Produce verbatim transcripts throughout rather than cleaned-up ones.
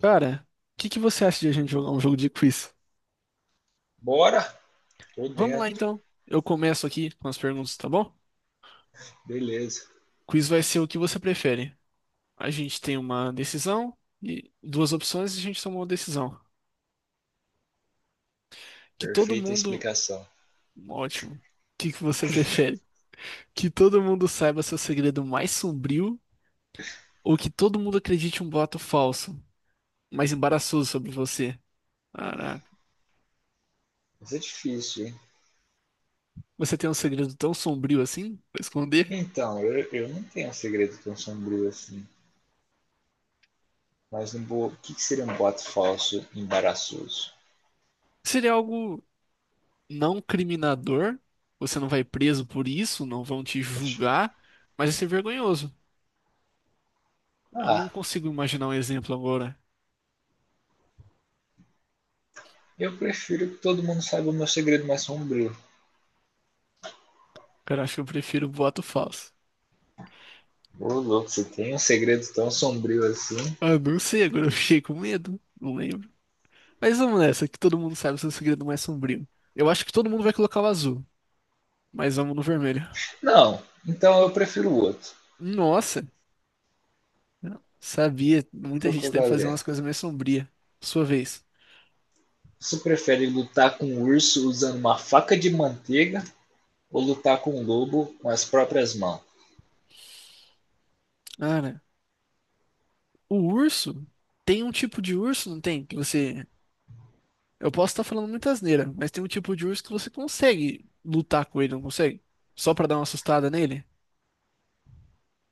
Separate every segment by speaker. Speaker 1: Cara, o que que você acha de a gente jogar um jogo de quiz?
Speaker 2: Bora? Tô
Speaker 1: Vamos lá
Speaker 2: dentro.
Speaker 1: então. Eu começo aqui com as perguntas, tá bom?
Speaker 2: Beleza.
Speaker 1: Quiz vai ser o que você prefere. A gente tem uma decisão e duas opções e a gente toma uma decisão. Que todo
Speaker 2: Perfeita
Speaker 1: mundo.
Speaker 2: explicação.
Speaker 1: Ótimo. O que que você prefere? Que todo mundo saiba seu segredo mais sombrio ou que todo mundo acredite um boato falso, mais embaraçoso sobre você? Caraca.
Speaker 2: Mas é difícil, hein?
Speaker 1: Você tem um segredo tão sombrio assim pra esconder?
Speaker 2: Então, eu, eu não tenho um segredo tão sombrio assim. Mas não vou. O que que seria um boato falso embaraçoso?
Speaker 1: Seria algo não criminador, você não vai preso por isso, não vão te julgar, mas isso é vergonhoso. Eu não
Speaker 2: Ah,
Speaker 1: consigo imaginar um exemplo agora.
Speaker 2: eu prefiro que todo mundo saiba o meu segredo mais sombrio.
Speaker 1: Cara, acho que eu prefiro boato falso.
Speaker 2: Ô, louco, você tem um segredo tão sombrio assim?
Speaker 1: Ah, não sei, agora eu fiquei com medo, não lembro. Mas vamos nessa, que todo mundo sabe o seu segredo mais sombrio. Eu acho que todo mundo vai colocar o azul, mas vamos no vermelho.
Speaker 2: Não, então eu prefiro o outro.
Speaker 1: Nossa, não sabia, muita
Speaker 2: Tô com
Speaker 1: gente
Speaker 2: a
Speaker 1: deve fazer umas
Speaker 2: galera.
Speaker 1: coisas mais sombrias. Sua vez.
Speaker 2: Você prefere lutar com um urso usando uma faca de manteiga ou lutar com um lobo com as próprias mãos?
Speaker 1: Cara, o urso, tem um tipo de urso, não tem? Que você Eu posso estar falando muita asneira, mas tem um tipo de urso que você consegue lutar com ele, não consegue? Só pra dar uma assustada nele?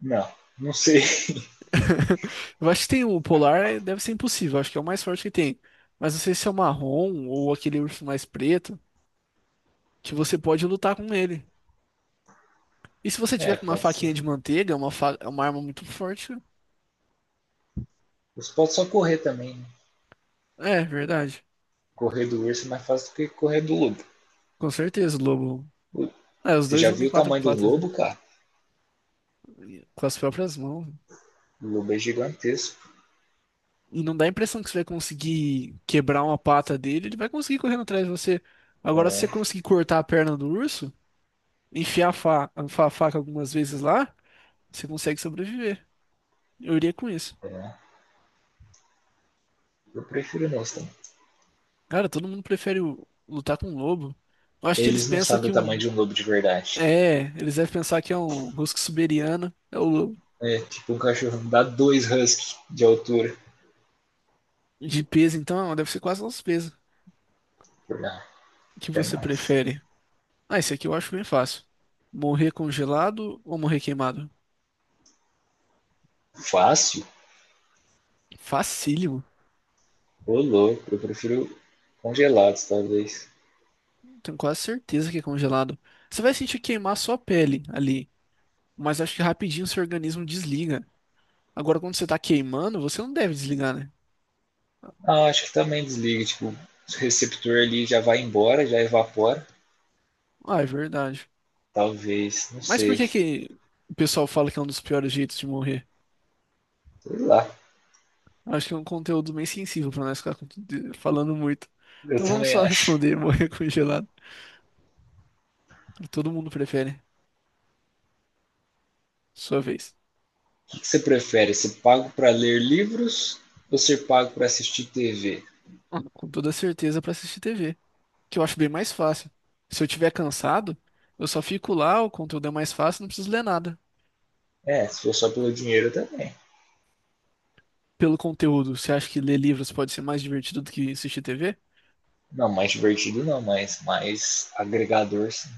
Speaker 2: Não, não sei.
Speaker 1: Eu acho que tem o polar, eh, deve ser impossível, acho que é o mais forte que tem. Mas não sei se é o marrom ou aquele urso mais preto, que você pode lutar com ele. E se você tiver
Speaker 2: É,
Speaker 1: com uma
Speaker 2: pode ser.
Speaker 1: faquinha de manteiga, uma, fa- uma arma muito forte.
Speaker 2: Você pode só correr também, né?
Speaker 1: É, verdade.
Speaker 2: Correr do urso é mais fácil do que correr do lobo.
Speaker 1: Com certeza, o lobo. É, os
Speaker 2: Você
Speaker 1: dois
Speaker 2: já
Speaker 1: andam em
Speaker 2: viu o
Speaker 1: quatro
Speaker 2: tamanho do
Speaker 1: patas, né?
Speaker 2: lobo, cara?
Speaker 1: Com as próprias mãos.
Speaker 2: O lobo é gigantesco.
Speaker 1: E não dá a impressão que você vai conseguir quebrar uma pata dele, ele vai conseguir correndo atrás de você. Agora, se
Speaker 2: É,
Speaker 1: você conseguir cortar a perna do urso, enfiar a, fa- a faca algumas vezes lá, você consegue sobreviver. Eu iria com isso.
Speaker 2: é. Eu prefiro não também.
Speaker 1: Cara, todo mundo prefere o- lutar com um lobo. Eu acho que eles
Speaker 2: Eles não
Speaker 1: pensam
Speaker 2: sabem
Speaker 1: que
Speaker 2: o tamanho
Speaker 1: um.
Speaker 2: de um lobo de verdade.
Speaker 1: É, eles devem pensar que é um husky siberiano, é o lobo.
Speaker 2: É, tipo um cachorro dá dois husky de altura.
Speaker 1: De peso, então, deve ser quase nosso peso.
Speaker 2: Ah,
Speaker 1: O que
Speaker 2: é
Speaker 1: você
Speaker 2: mais.
Speaker 1: prefere? Ah, esse aqui eu acho bem fácil. Morrer congelado ou morrer queimado?
Speaker 2: Fácil?
Speaker 1: Facílimo.
Speaker 2: Ô louco, eu prefiro congelados, talvez.
Speaker 1: Tenho quase certeza que é congelado. Você vai sentir queimar sua pele ali, mas acho que rapidinho seu organismo desliga. Agora, quando você tá queimando, você não deve desligar, né?
Speaker 2: Ah, acho que também desliga, tipo, o receptor ali já vai embora, já evapora.
Speaker 1: Ah, é verdade.
Speaker 2: Talvez, não
Speaker 1: Mas por
Speaker 2: sei.
Speaker 1: que que o pessoal fala que é um dos piores jeitos de morrer?
Speaker 2: Sei lá.
Speaker 1: Acho que é um conteúdo bem sensível pra nós ficar com- de- falando muito.
Speaker 2: Eu
Speaker 1: Então vamos
Speaker 2: também
Speaker 1: só
Speaker 2: acho.
Speaker 1: responder, morrer congelado. Todo mundo prefere. Sua vez.
Speaker 2: O que que você prefere? Ser pago para ler livros ou ser pago para assistir T V?
Speaker 1: Ah, com toda certeza pra assistir T V, que eu acho bem mais fácil. Se eu tiver cansado, eu só fico lá, o conteúdo é mais fácil, não preciso ler nada.
Speaker 2: É, se for só pelo dinheiro também.
Speaker 1: Pelo conteúdo, você acha que ler livros pode ser mais divertido do que assistir T V?
Speaker 2: Não, mais divertido não, mas mais agregador sim.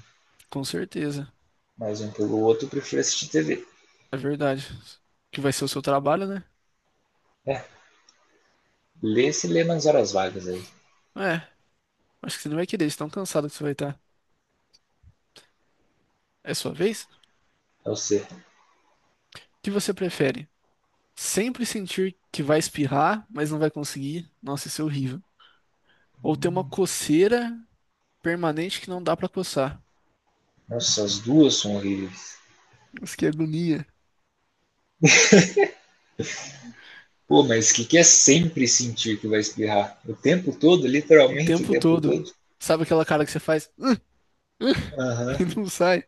Speaker 1: Com certeza,
Speaker 2: Mais um pelo outro, eu prefiro assistir T V.
Speaker 1: é verdade. Que vai ser o seu trabalho, né?
Speaker 2: É, lê se lê nas horas vagas aí.
Speaker 1: É, acho que você não vai querer, de tão cansado que você vai estar. É sua vez? O
Speaker 2: É o C.
Speaker 1: que você prefere? Sempre sentir que vai espirrar, mas não vai conseguir? Nossa, isso é horrível. Ou ter uma coceira permanente que não dá pra coçar?
Speaker 2: Nossa, as duas são horríveis.
Speaker 1: Nossa, que agonia.
Speaker 2: Pô, mas o que, que é sempre sentir que vai espirrar? O tempo todo,
Speaker 1: O
Speaker 2: literalmente o
Speaker 1: tempo
Speaker 2: tempo
Speaker 1: todo.
Speaker 2: todo?
Speaker 1: Sabe aquela cara que você faz
Speaker 2: Aham. Uhum.
Speaker 1: e não sai?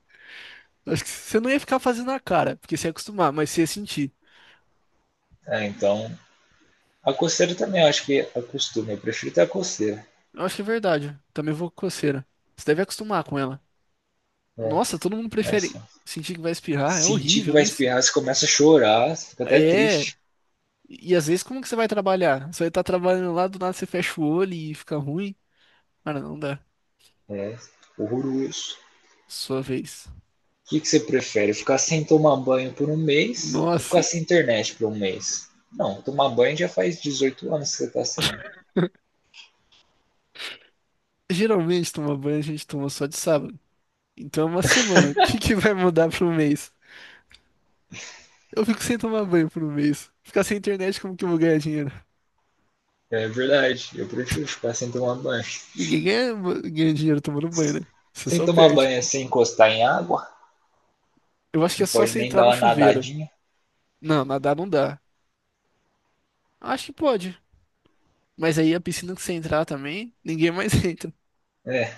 Speaker 1: Acho que você não ia ficar fazendo a cara, porque você ia acostumar, mas você ia sentir.
Speaker 2: É, então. A coceira também, eu acho que acostuma. Eu prefiro ter a coceira.
Speaker 1: Eu acho que é verdade. Também vou com coceira. Você deve acostumar com ela.
Speaker 2: É.
Speaker 1: Nossa, todo mundo
Speaker 2: Mas
Speaker 1: prefere sentir que vai espirrar. É
Speaker 2: sentir que
Speaker 1: horrível
Speaker 2: vai
Speaker 1: isso.
Speaker 2: espirrar, você começa a chorar, você fica até
Speaker 1: É.
Speaker 2: triste.
Speaker 1: E às vezes, como que você vai trabalhar? Você vai estar trabalhando lá, do nada você fecha o olho e fica ruim. Cara, não dá.
Speaker 2: É horroroso.
Speaker 1: Sua vez.
Speaker 2: O que, que você prefere? Ficar sem tomar banho por um mês ou ficar
Speaker 1: Nossa.
Speaker 2: sem internet por um mês? Não, tomar banho já faz dezoito anos que você tá sem.
Speaker 1: Geralmente, tomar banho a gente toma só de sábado. Então é uma semana. O que que vai mudar pro mês? Eu fico sem tomar banho por um mês. Ficar sem internet, como que eu vou ganhar dinheiro?
Speaker 2: É verdade, eu prefiro ficar sem tomar banho.
Speaker 1: Ninguém ganha, ganha dinheiro tomando banho, né? Você
Speaker 2: Sem
Speaker 1: só
Speaker 2: tomar
Speaker 1: perde.
Speaker 2: banho é sem encostar em água,
Speaker 1: Eu acho que é
Speaker 2: não
Speaker 1: só
Speaker 2: pode
Speaker 1: você
Speaker 2: nem
Speaker 1: entrar
Speaker 2: dar
Speaker 1: no
Speaker 2: uma
Speaker 1: chuveiro.
Speaker 2: nadadinha.
Speaker 1: Não, nadar não dá. Acho que pode. Mas aí a piscina que você entrar também, ninguém mais entra.
Speaker 2: É,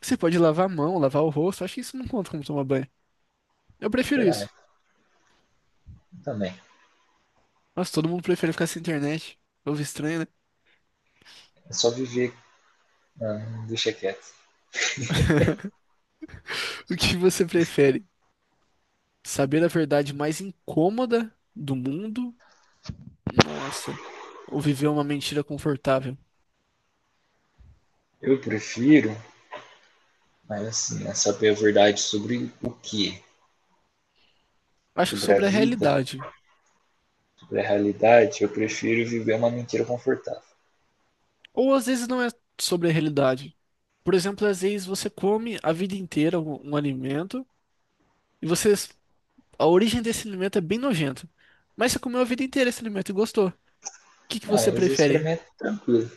Speaker 1: Você pode lavar a mão, lavar o rosto. Acho que isso não conta como tomar banho. Eu prefiro
Speaker 2: verdade,
Speaker 1: isso.
Speaker 2: também.
Speaker 1: Nossa, todo mundo prefere ficar sem internet. Povo estranho, né?
Speaker 2: É só viver. Né? Não, deixa quieto.
Speaker 1: O que você prefere? Saber a verdade mais incômoda do mundo? Nossa. Ou viver uma mentira confortável?
Speaker 2: Eu prefiro, mas assim, é saber a verdade sobre o que?
Speaker 1: Acho que
Speaker 2: Sobre a
Speaker 1: sobre a
Speaker 2: vida,
Speaker 1: realidade.
Speaker 2: da realidade, eu prefiro viver uma mentira confortável.
Speaker 1: Ou às vezes não é sobre a realidade. Por exemplo, às vezes você come a vida inteira um, um alimento e você A origem desse alimento é bem nojenta. Mas você comeu a vida inteira esse alimento e gostou. O que que você
Speaker 2: Não, mas isso pra
Speaker 1: prefere?
Speaker 2: mim é tranquilo.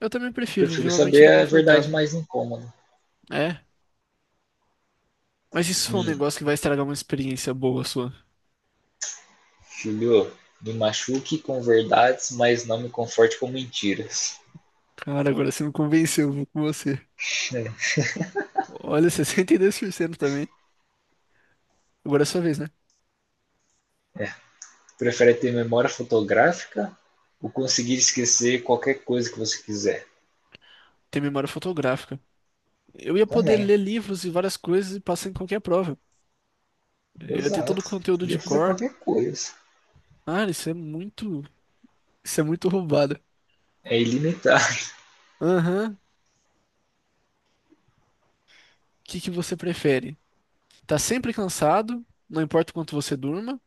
Speaker 1: Eu também
Speaker 2: Eu
Speaker 1: prefiro viver
Speaker 2: prefiro
Speaker 1: uma
Speaker 2: saber
Speaker 1: mentira
Speaker 2: a verdade
Speaker 1: confortável.
Speaker 2: mais incômoda.
Speaker 1: É, mas isso foi um
Speaker 2: Me
Speaker 1: negócio que vai estragar uma experiência boa sua.
Speaker 2: filhou, me machuque com verdades, mas não me conforte com mentiras.
Speaker 1: Cara, agora você me convenceu, vou com você. Olha, sessenta e dois por cento também. Agora é sua vez, né?
Speaker 2: Prefere ter memória fotográfica ou conseguir esquecer qualquer coisa que você quiser?
Speaker 1: Tem memória fotográfica. Eu ia poder
Speaker 2: Também,
Speaker 1: ler livros e várias coisas e passar em qualquer prova. Eu ia ter todo o
Speaker 2: exato.
Speaker 1: conteúdo de
Speaker 2: Podia fazer
Speaker 1: cor.
Speaker 2: qualquer coisa.
Speaker 1: Ah, isso é muito. Isso é muito roubado.
Speaker 2: É ilimitar.
Speaker 1: Aham. O que que você prefere? Tá sempre cansado, não importa o quanto você durma,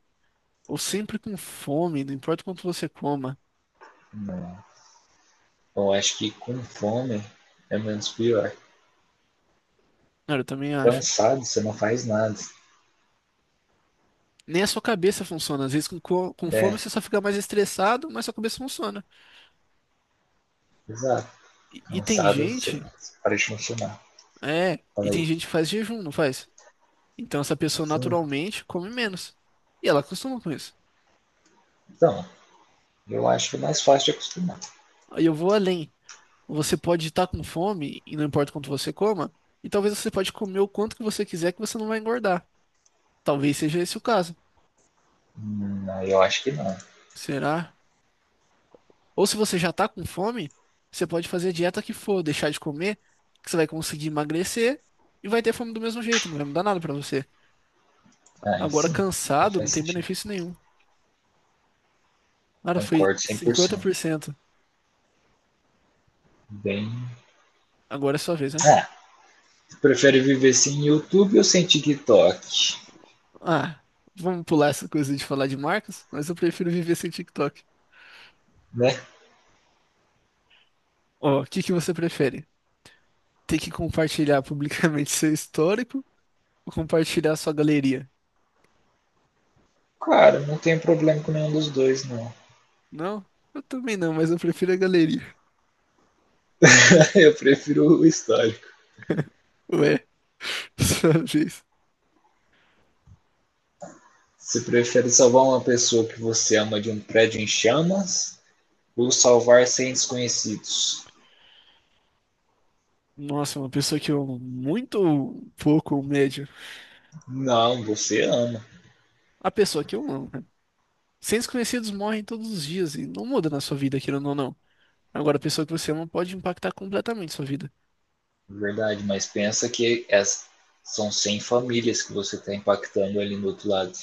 Speaker 1: ou sempre com fome, não importa o quanto você coma.
Speaker 2: Não. Eu acho que com fome é menos pior.
Speaker 1: Cara, eu também acho.
Speaker 2: Cansado, você não faz nada.
Speaker 1: Nem a sua cabeça funciona. Às vezes com, co- com fome
Speaker 2: É,
Speaker 1: você só fica mais estressado, mas sua cabeça funciona.
Speaker 2: exato.
Speaker 1: E, e tem
Speaker 2: Lançado, você
Speaker 1: gente,
Speaker 2: para de funcionar.
Speaker 1: é, e
Speaker 2: Fala aí.
Speaker 1: tem gente que faz jejum, não faz? Então essa pessoa
Speaker 2: Sim.
Speaker 1: naturalmente come menos. E ela acostuma com isso.
Speaker 2: Então, eu acho que é mais fácil de acostumar.
Speaker 1: Aí eu vou além. Você pode estar com fome, e não importa o quanto você coma, e talvez você pode comer o quanto que você quiser que você não vai engordar. Talvez seja esse o caso.
Speaker 2: Hum, eu acho que não.
Speaker 1: Será? Ou se você já tá com fome, você pode fazer a dieta que for, deixar de comer, que você vai conseguir emagrecer e vai ter fome do mesmo jeito, não vai mudar nada pra você.
Speaker 2: Aí
Speaker 1: Agora
Speaker 2: sim, aí
Speaker 1: cansado, não
Speaker 2: faz
Speaker 1: tem
Speaker 2: sentido.
Speaker 1: benefício nenhum. Cara, foi
Speaker 2: Concordo cem por cento.
Speaker 1: cinquenta por cento.
Speaker 2: Bem.
Speaker 1: Agora é sua vez, né?
Speaker 2: Ah, prefere viver sem YouTube ou sem TikTok?
Speaker 1: Ah, vamos pular essa coisa de falar de marcas, mas eu prefiro viver sem TikTok.
Speaker 2: Né?
Speaker 1: Ó, o que que você prefere? Ter que compartilhar publicamente seu histórico ou compartilhar sua galeria?
Speaker 2: Cara, não tem problema com nenhum dos dois, não.
Speaker 1: Não? Eu também não, mas eu prefiro a galeria.
Speaker 2: Eu prefiro o histórico.
Speaker 1: Ué, sua vez.
Speaker 2: Você prefere salvar uma pessoa que você ama de um prédio em chamas ou salvar cem desconhecidos?
Speaker 1: Nossa, uma pessoa que eu amo muito pouco ou médio.
Speaker 2: Não, você ama.
Speaker 1: A pessoa que eu amo, né? Seres conhecidos morrem todos os dias e não muda na sua vida, querendo ou não. Agora, a pessoa que você ama pode impactar completamente sua vida.
Speaker 2: Verdade, mas pensa que es- são cem famílias que você está impactando ali no outro lado.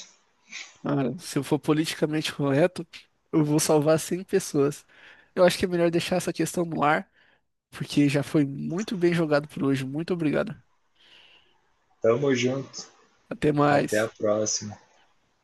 Speaker 1: Cara, se eu for politicamente correto, eu vou salvar cem pessoas. Eu acho que é melhor deixar essa questão no ar, porque já foi muito bem jogado por hoje. Muito obrigado.
Speaker 2: Tamo junto.
Speaker 1: Até
Speaker 2: Até a
Speaker 1: mais.
Speaker 2: próxima.